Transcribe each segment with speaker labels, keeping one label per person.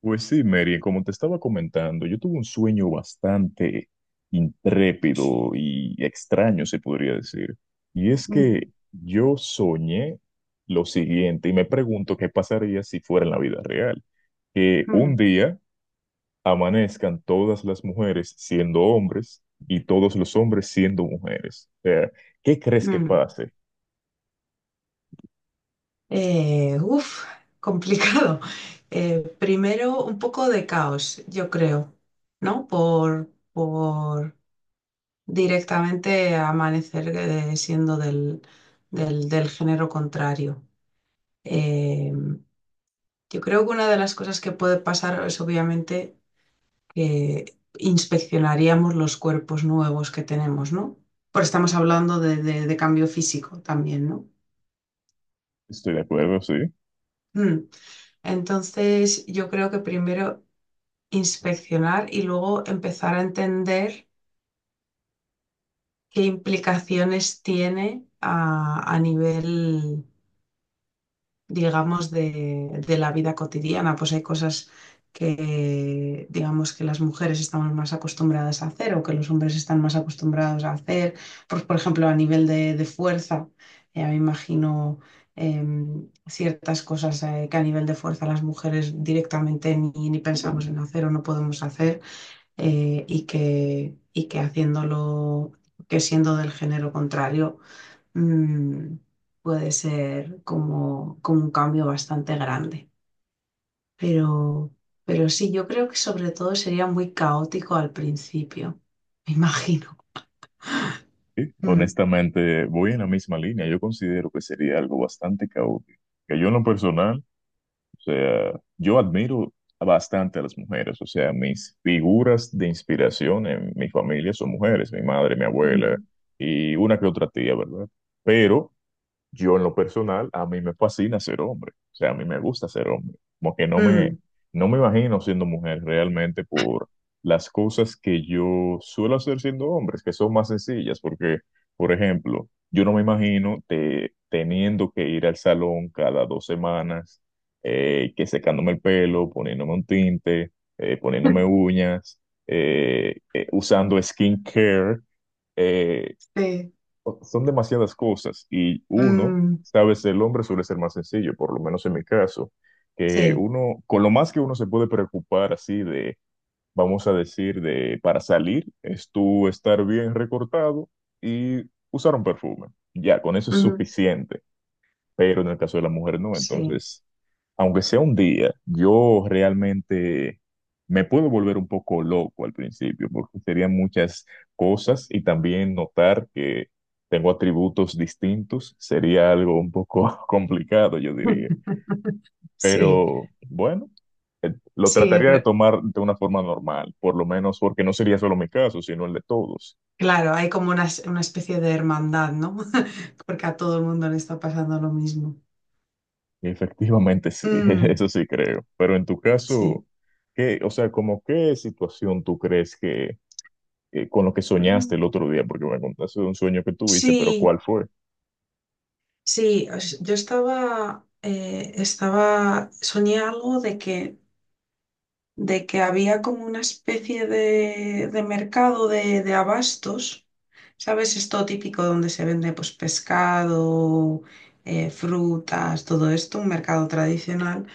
Speaker 1: Pues sí, Mary, como te estaba comentando, yo tuve un sueño bastante intrépido y extraño, se podría decir. Y es
Speaker 2: Mm,
Speaker 1: que yo soñé lo siguiente y me pregunto qué pasaría si fuera en la vida real. Que un
Speaker 2: mm,
Speaker 1: día amanezcan todas las mujeres siendo hombres y todos los hombres siendo mujeres. O sea, ¿qué crees que
Speaker 2: mm.
Speaker 1: pase?
Speaker 2: Uf, complicado. Primero, un poco de caos, yo creo, ¿no? Por directamente amanecer siendo del género contrario. Eh, yo creo que una de las cosas que puede pasar es obviamente que inspeccionaríamos los cuerpos nuevos que tenemos, ¿no? Porque estamos hablando de cambio físico también, ¿no?
Speaker 1: Estoy de acuerdo, sí.
Speaker 2: Mm. Entonces, yo creo que primero inspeccionar y luego empezar a entender qué implicaciones tiene a nivel, digamos, de la vida cotidiana. Pues hay cosas que, digamos, que las mujeres estamos más acostumbradas a hacer o que los hombres están más acostumbrados a hacer. Pues, por ejemplo, a nivel de fuerza, ya me imagino ciertas cosas que a nivel de fuerza las mujeres directamente ni pensamos en hacer o no podemos hacer y que, haciéndolo, que siendo del género contrario mm, puede ser como un cambio bastante grande. Pero, pero, sí, yo creo que sobre todo sería muy caótico al principio, me imagino.
Speaker 1: Sí,
Speaker 2: Mm,
Speaker 1: honestamente, voy en la misma línea. Yo considero que sería algo bastante caótico. Que yo en lo personal, o sea, yo admiro bastante a las mujeres. O sea, mis figuras de inspiración en mi familia son mujeres, mi madre, mi abuela
Speaker 2: mm,
Speaker 1: y una que otra tía, ¿verdad? Pero yo en lo personal, a mí me fascina ser hombre, o sea, a mí me gusta ser hombre, como que no me,
Speaker 2: mm.
Speaker 1: no me imagino siendo mujer realmente por las cosas que yo suelo hacer siendo hombre, que son más sencillas, porque, por ejemplo, yo no me imagino teniendo que ir al salón cada 2 semanas, que secándome el pelo, poniéndome un tinte, poniéndome uñas, usando skincare eh,
Speaker 2: Sí,
Speaker 1: Son demasiadas cosas y uno,
Speaker 2: mm,
Speaker 1: sabes, el hombre suele ser más sencillo, por lo menos en mi caso, que
Speaker 2: sí,
Speaker 1: uno, con lo más que uno se puede preocupar así de, vamos a decir, de para salir, es tú estar bien recortado y usar un perfume. Ya, con eso es
Speaker 2: mm,
Speaker 1: suficiente, pero en el caso de la mujer no,
Speaker 2: sí,
Speaker 1: entonces aunque sea un día, yo realmente me puedo volver un poco loco al principio, porque serían muchas cosas y también notar que tengo atributos distintos sería algo un poco complicado, yo diría.
Speaker 2: sí,
Speaker 1: Pero bueno, lo
Speaker 2: sí,
Speaker 1: trataría de tomar de una forma normal, por lo menos porque no sería solo mi caso, sino el de todos.
Speaker 2: claro, hay como una, una especie de hermandad, ¿no? Porque a todo el mundo le está pasando lo mismo.
Speaker 1: Y efectivamente sí,
Speaker 2: Mm,
Speaker 1: eso sí creo. Pero en tu caso,
Speaker 2: sí,
Speaker 1: ¿qué, o sea, como qué situación tú crees que con lo que soñaste
Speaker 2: mm,
Speaker 1: el otro día, porque me contaste de un sueño que tuviste, pero ¿cuál
Speaker 2: sí.
Speaker 1: fue?
Speaker 2: Sí, soñé algo de que había como una especie de mercado de abastos, ¿sabes? Esto típico donde se vende pues pescado, frutas, todo esto, un mercado tradicional.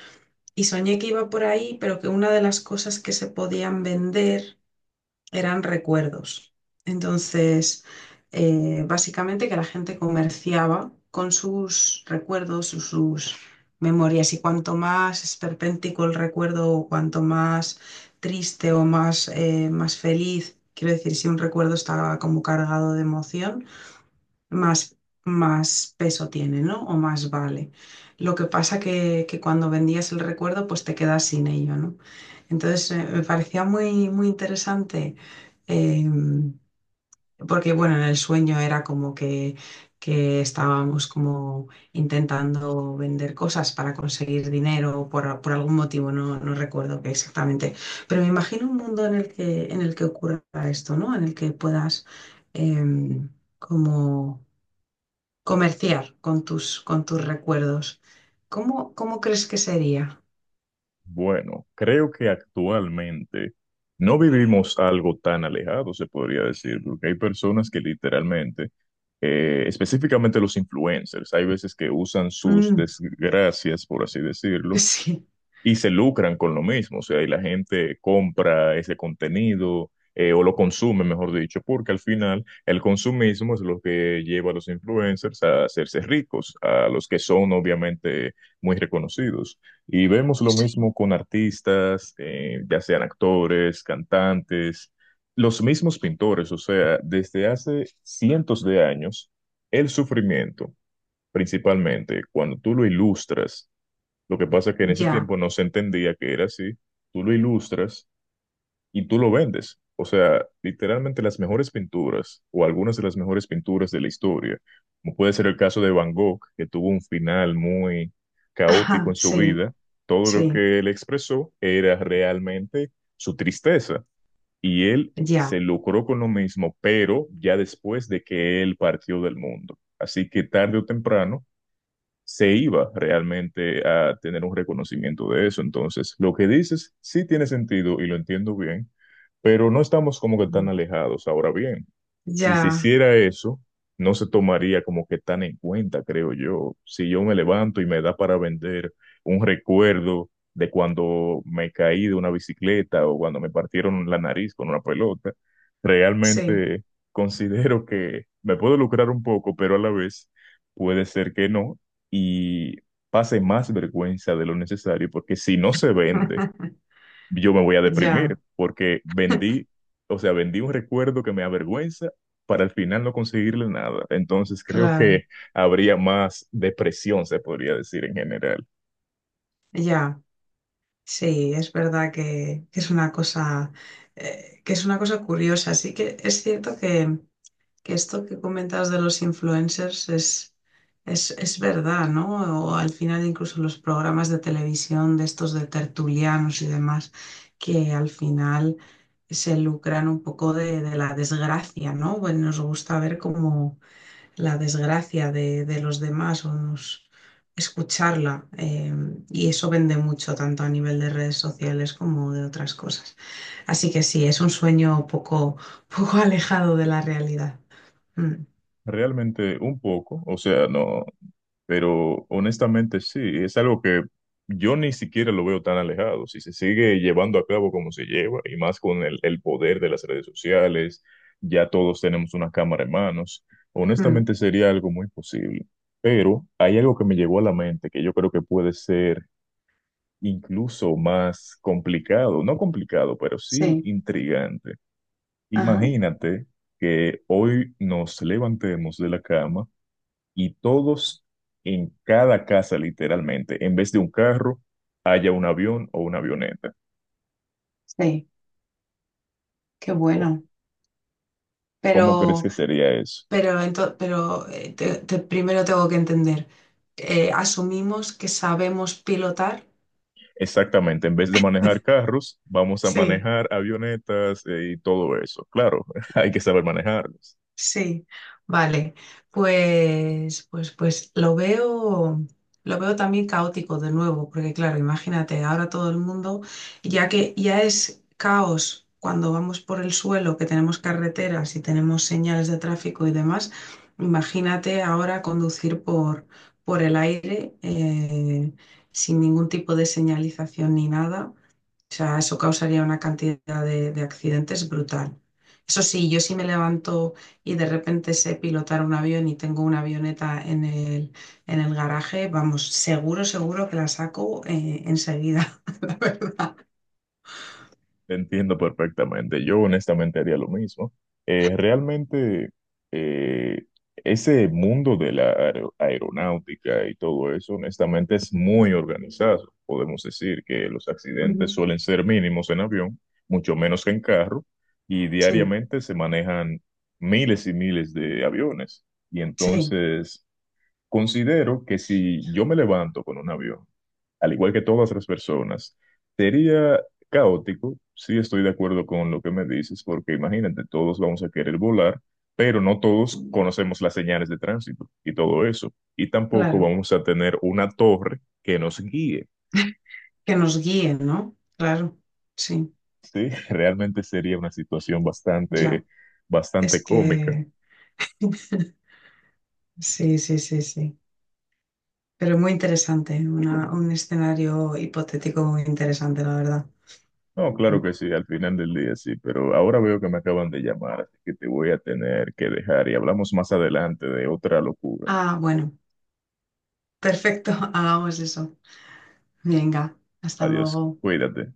Speaker 2: Y soñé que iba por ahí, pero que una de las cosas que se podían vender eran recuerdos. Entonces, básicamente que la gente comerciaba con sus recuerdos, sus memorias, y cuanto más esperpéntico el recuerdo, o cuanto más triste o más, más feliz, quiero decir, si un recuerdo está como cargado de emoción, más, más peso tiene, ¿no? O más vale. Lo que pasa que cuando vendías el recuerdo, pues te quedas sin ello, ¿no? Entonces, me parecía muy, muy interesante, eh, porque, bueno, en el sueño era como que estábamos como intentando vender cosas para conseguir dinero por algún motivo, no, no recuerdo qué exactamente. Pero me imagino un mundo en el que ocurra esto, ¿no? En el que puedas em, como comerciar con tus recuerdos. ¿Cómo crees que sería?
Speaker 1: Bueno, creo que actualmente no vivimos algo tan alejado, se podría decir, porque hay personas que literalmente, específicamente los influencers, hay veces que usan sus
Speaker 2: Mm,
Speaker 1: desgracias, por así decirlo,
Speaker 2: sí,
Speaker 1: y se lucran con lo mismo, o sea, y la gente compra ese contenido, o lo consume, mejor dicho, porque al final el consumismo es lo que lleva a los influencers a hacerse ricos, a los que son obviamente muy reconocidos. Y vemos lo
Speaker 2: sí,
Speaker 1: mismo con artistas, ya sean actores, cantantes, los mismos pintores, o sea, desde hace cientos de años, el sufrimiento. Principalmente cuando tú lo ilustras lo que pasa es que en ese
Speaker 2: ya.
Speaker 1: tiempo no se entendía que era así. Tú lo ilustras y tú lo vendes. O sea, literalmente las mejores pinturas o algunas de las mejores pinturas de la historia, como puede ser el caso de Van Gogh, que tuvo un final muy caótico
Speaker 2: Ajá,
Speaker 1: en su
Speaker 2: sí,
Speaker 1: vida, todo lo
Speaker 2: sí,
Speaker 1: que él expresó era realmente su tristeza y él se
Speaker 2: ya.
Speaker 1: lucró con lo mismo, pero ya después de que él partió del mundo. Así que tarde o temprano se iba realmente a tener un reconocimiento de eso. Entonces, lo que dices sí tiene sentido y lo entiendo bien, pero no estamos como que tan
Speaker 2: Mm,
Speaker 1: alejados. Ahora bien, si se
Speaker 2: ya,
Speaker 1: hiciera eso, no se tomaría como que tan en cuenta, creo yo. Si yo me levanto y me da para vender un recuerdo de cuando me caí de una bicicleta o cuando me partieron la nariz con una pelota,
Speaker 2: sí.
Speaker 1: realmente considero que me puedo lucrar un poco, pero a la vez... Puede ser que no, y pase más vergüenza de lo necesario, porque si no se vende, yo me voy a deprimir,
Speaker 2: Ya,
Speaker 1: porque vendí, o sea, vendí un recuerdo que me avergüenza para al final no conseguirle nada. Entonces creo
Speaker 2: claro,
Speaker 1: que habría más depresión, se podría decir en general.
Speaker 2: ya. Sí, es verdad que es una cosa, que es una cosa curiosa. Sí que es cierto que esto que comentas de los influencers es verdad, ¿no? O al final incluso los programas de televisión de estos de tertulianos y demás, que al final se lucran un poco de la desgracia, ¿no? Bueno, nos gusta ver cómo la desgracia de los demás o escucharla. Y eso vende mucho, tanto a nivel de redes sociales como de otras cosas. Así que sí, es un sueño poco, poco alejado de la realidad. Mm,
Speaker 1: Realmente un poco, o sea, no, pero honestamente sí, es algo que yo ni siquiera lo veo tan alejado. Si se sigue llevando a cabo como se lleva, y más con el poder de las redes sociales, ya todos tenemos una cámara en manos,
Speaker 2: mm.
Speaker 1: honestamente sería algo muy posible. Pero hay algo que me llegó a la mente que yo creo que puede ser incluso más complicado, no complicado, pero sí
Speaker 2: Sí,
Speaker 1: intrigante.
Speaker 2: ajá,
Speaker 1: Imagínate que hoy nos levantemos de la cama y todos en cada casa, literalmente, en vez de un carro, haya un avión o una avioneta.
Speaker 2: sí, qué
Speaker 1: Co-
Speaker 2: bueno.
Speaker 1: ¿Cómo crees
Speaker 2: Pero,
Speaker 1: que sería eso?
Speaker 2: pero, primero tengo que entender, ¿asumimos que sabemos pilotar?
Speaker 1: Exactamente, en vez de manejar carros, vamos a
Speaker 2: Sí.
Speaker 1: manejar avionetas, y todo eso. Claro, hay que saber manejarlos.
Speaker 2: Sí, vale. Pues, lo veo también caótico de nuevo, porque claro, imagínate, ahora todo el mundo, ya que ya es caos cuando vamos por el suelo, que tenemos carreteras y tenemos señales de tráfico y demás, imagínate ahora conducir por el aire sin ningún tipo de señalización ni nada. O sea, eso causaría una cantidad de accidentes brutal. Eso sí, yo sí me levanto y de repente sé pilotar un avión y tengo una avioneta en el garaje, vamos, seguro, seguro que la saco enseguida.
Speaker 1: Te entiendo perfectamente. Yo honestamente haría lo mismo. Realmente eh, ese mundo de la aeronáutica y todo eso, honestamente es muy organizado. Podemos decir que los accidentes
Speaker 2: Ujú.
Speaker 1: suelen ser mínimos en avión, mucho menos que en carro, y
Speaker 2: Sí,
Speaker 1: diariamente se manejan miles y miles de aviones. Y
Speaker 2: sí,
Speaker 1: entonces considero que si yo me levanto con un avión, al igual que todas las personas, sería caótico. Sí, estoy de acuerdo con lo que me dices, porque imagínate, todos vamos a querer volar, pero no todos conocemos las señales de tránsito y todo eso. Y tampoco
Speaker 2: claro.
Speaker 1: vamos a tener una torre que nos guíe.
Speaker 2: Que nos guíen, ¿no? Claro, sí,
Speaker 1: Sí, realmente sería una situación
Speaker 2: ya.
Speaker 1: bastante,
Speaker 2: Es
Speaker 1: bastante cómica.
Speaker 2: que sí, sí, sí, sí. Pero muy interesante, un escenario hipotético muy interesante, la verdad.
Speaker 1: No, claro
Speaker 2: Mm.
Speaker 1: que sí, al final del día sí, pero ahora veo que me acaban de llamar, así que te voy a tener que dejar y hablamos más adelante de otra locura.
Speaker 2: Ah, bueno, perfecto, hagamos eso. Venga, hasta
Speaker 1: Adiós,
Speaker 2: luego.
Speaker 1: cuídate.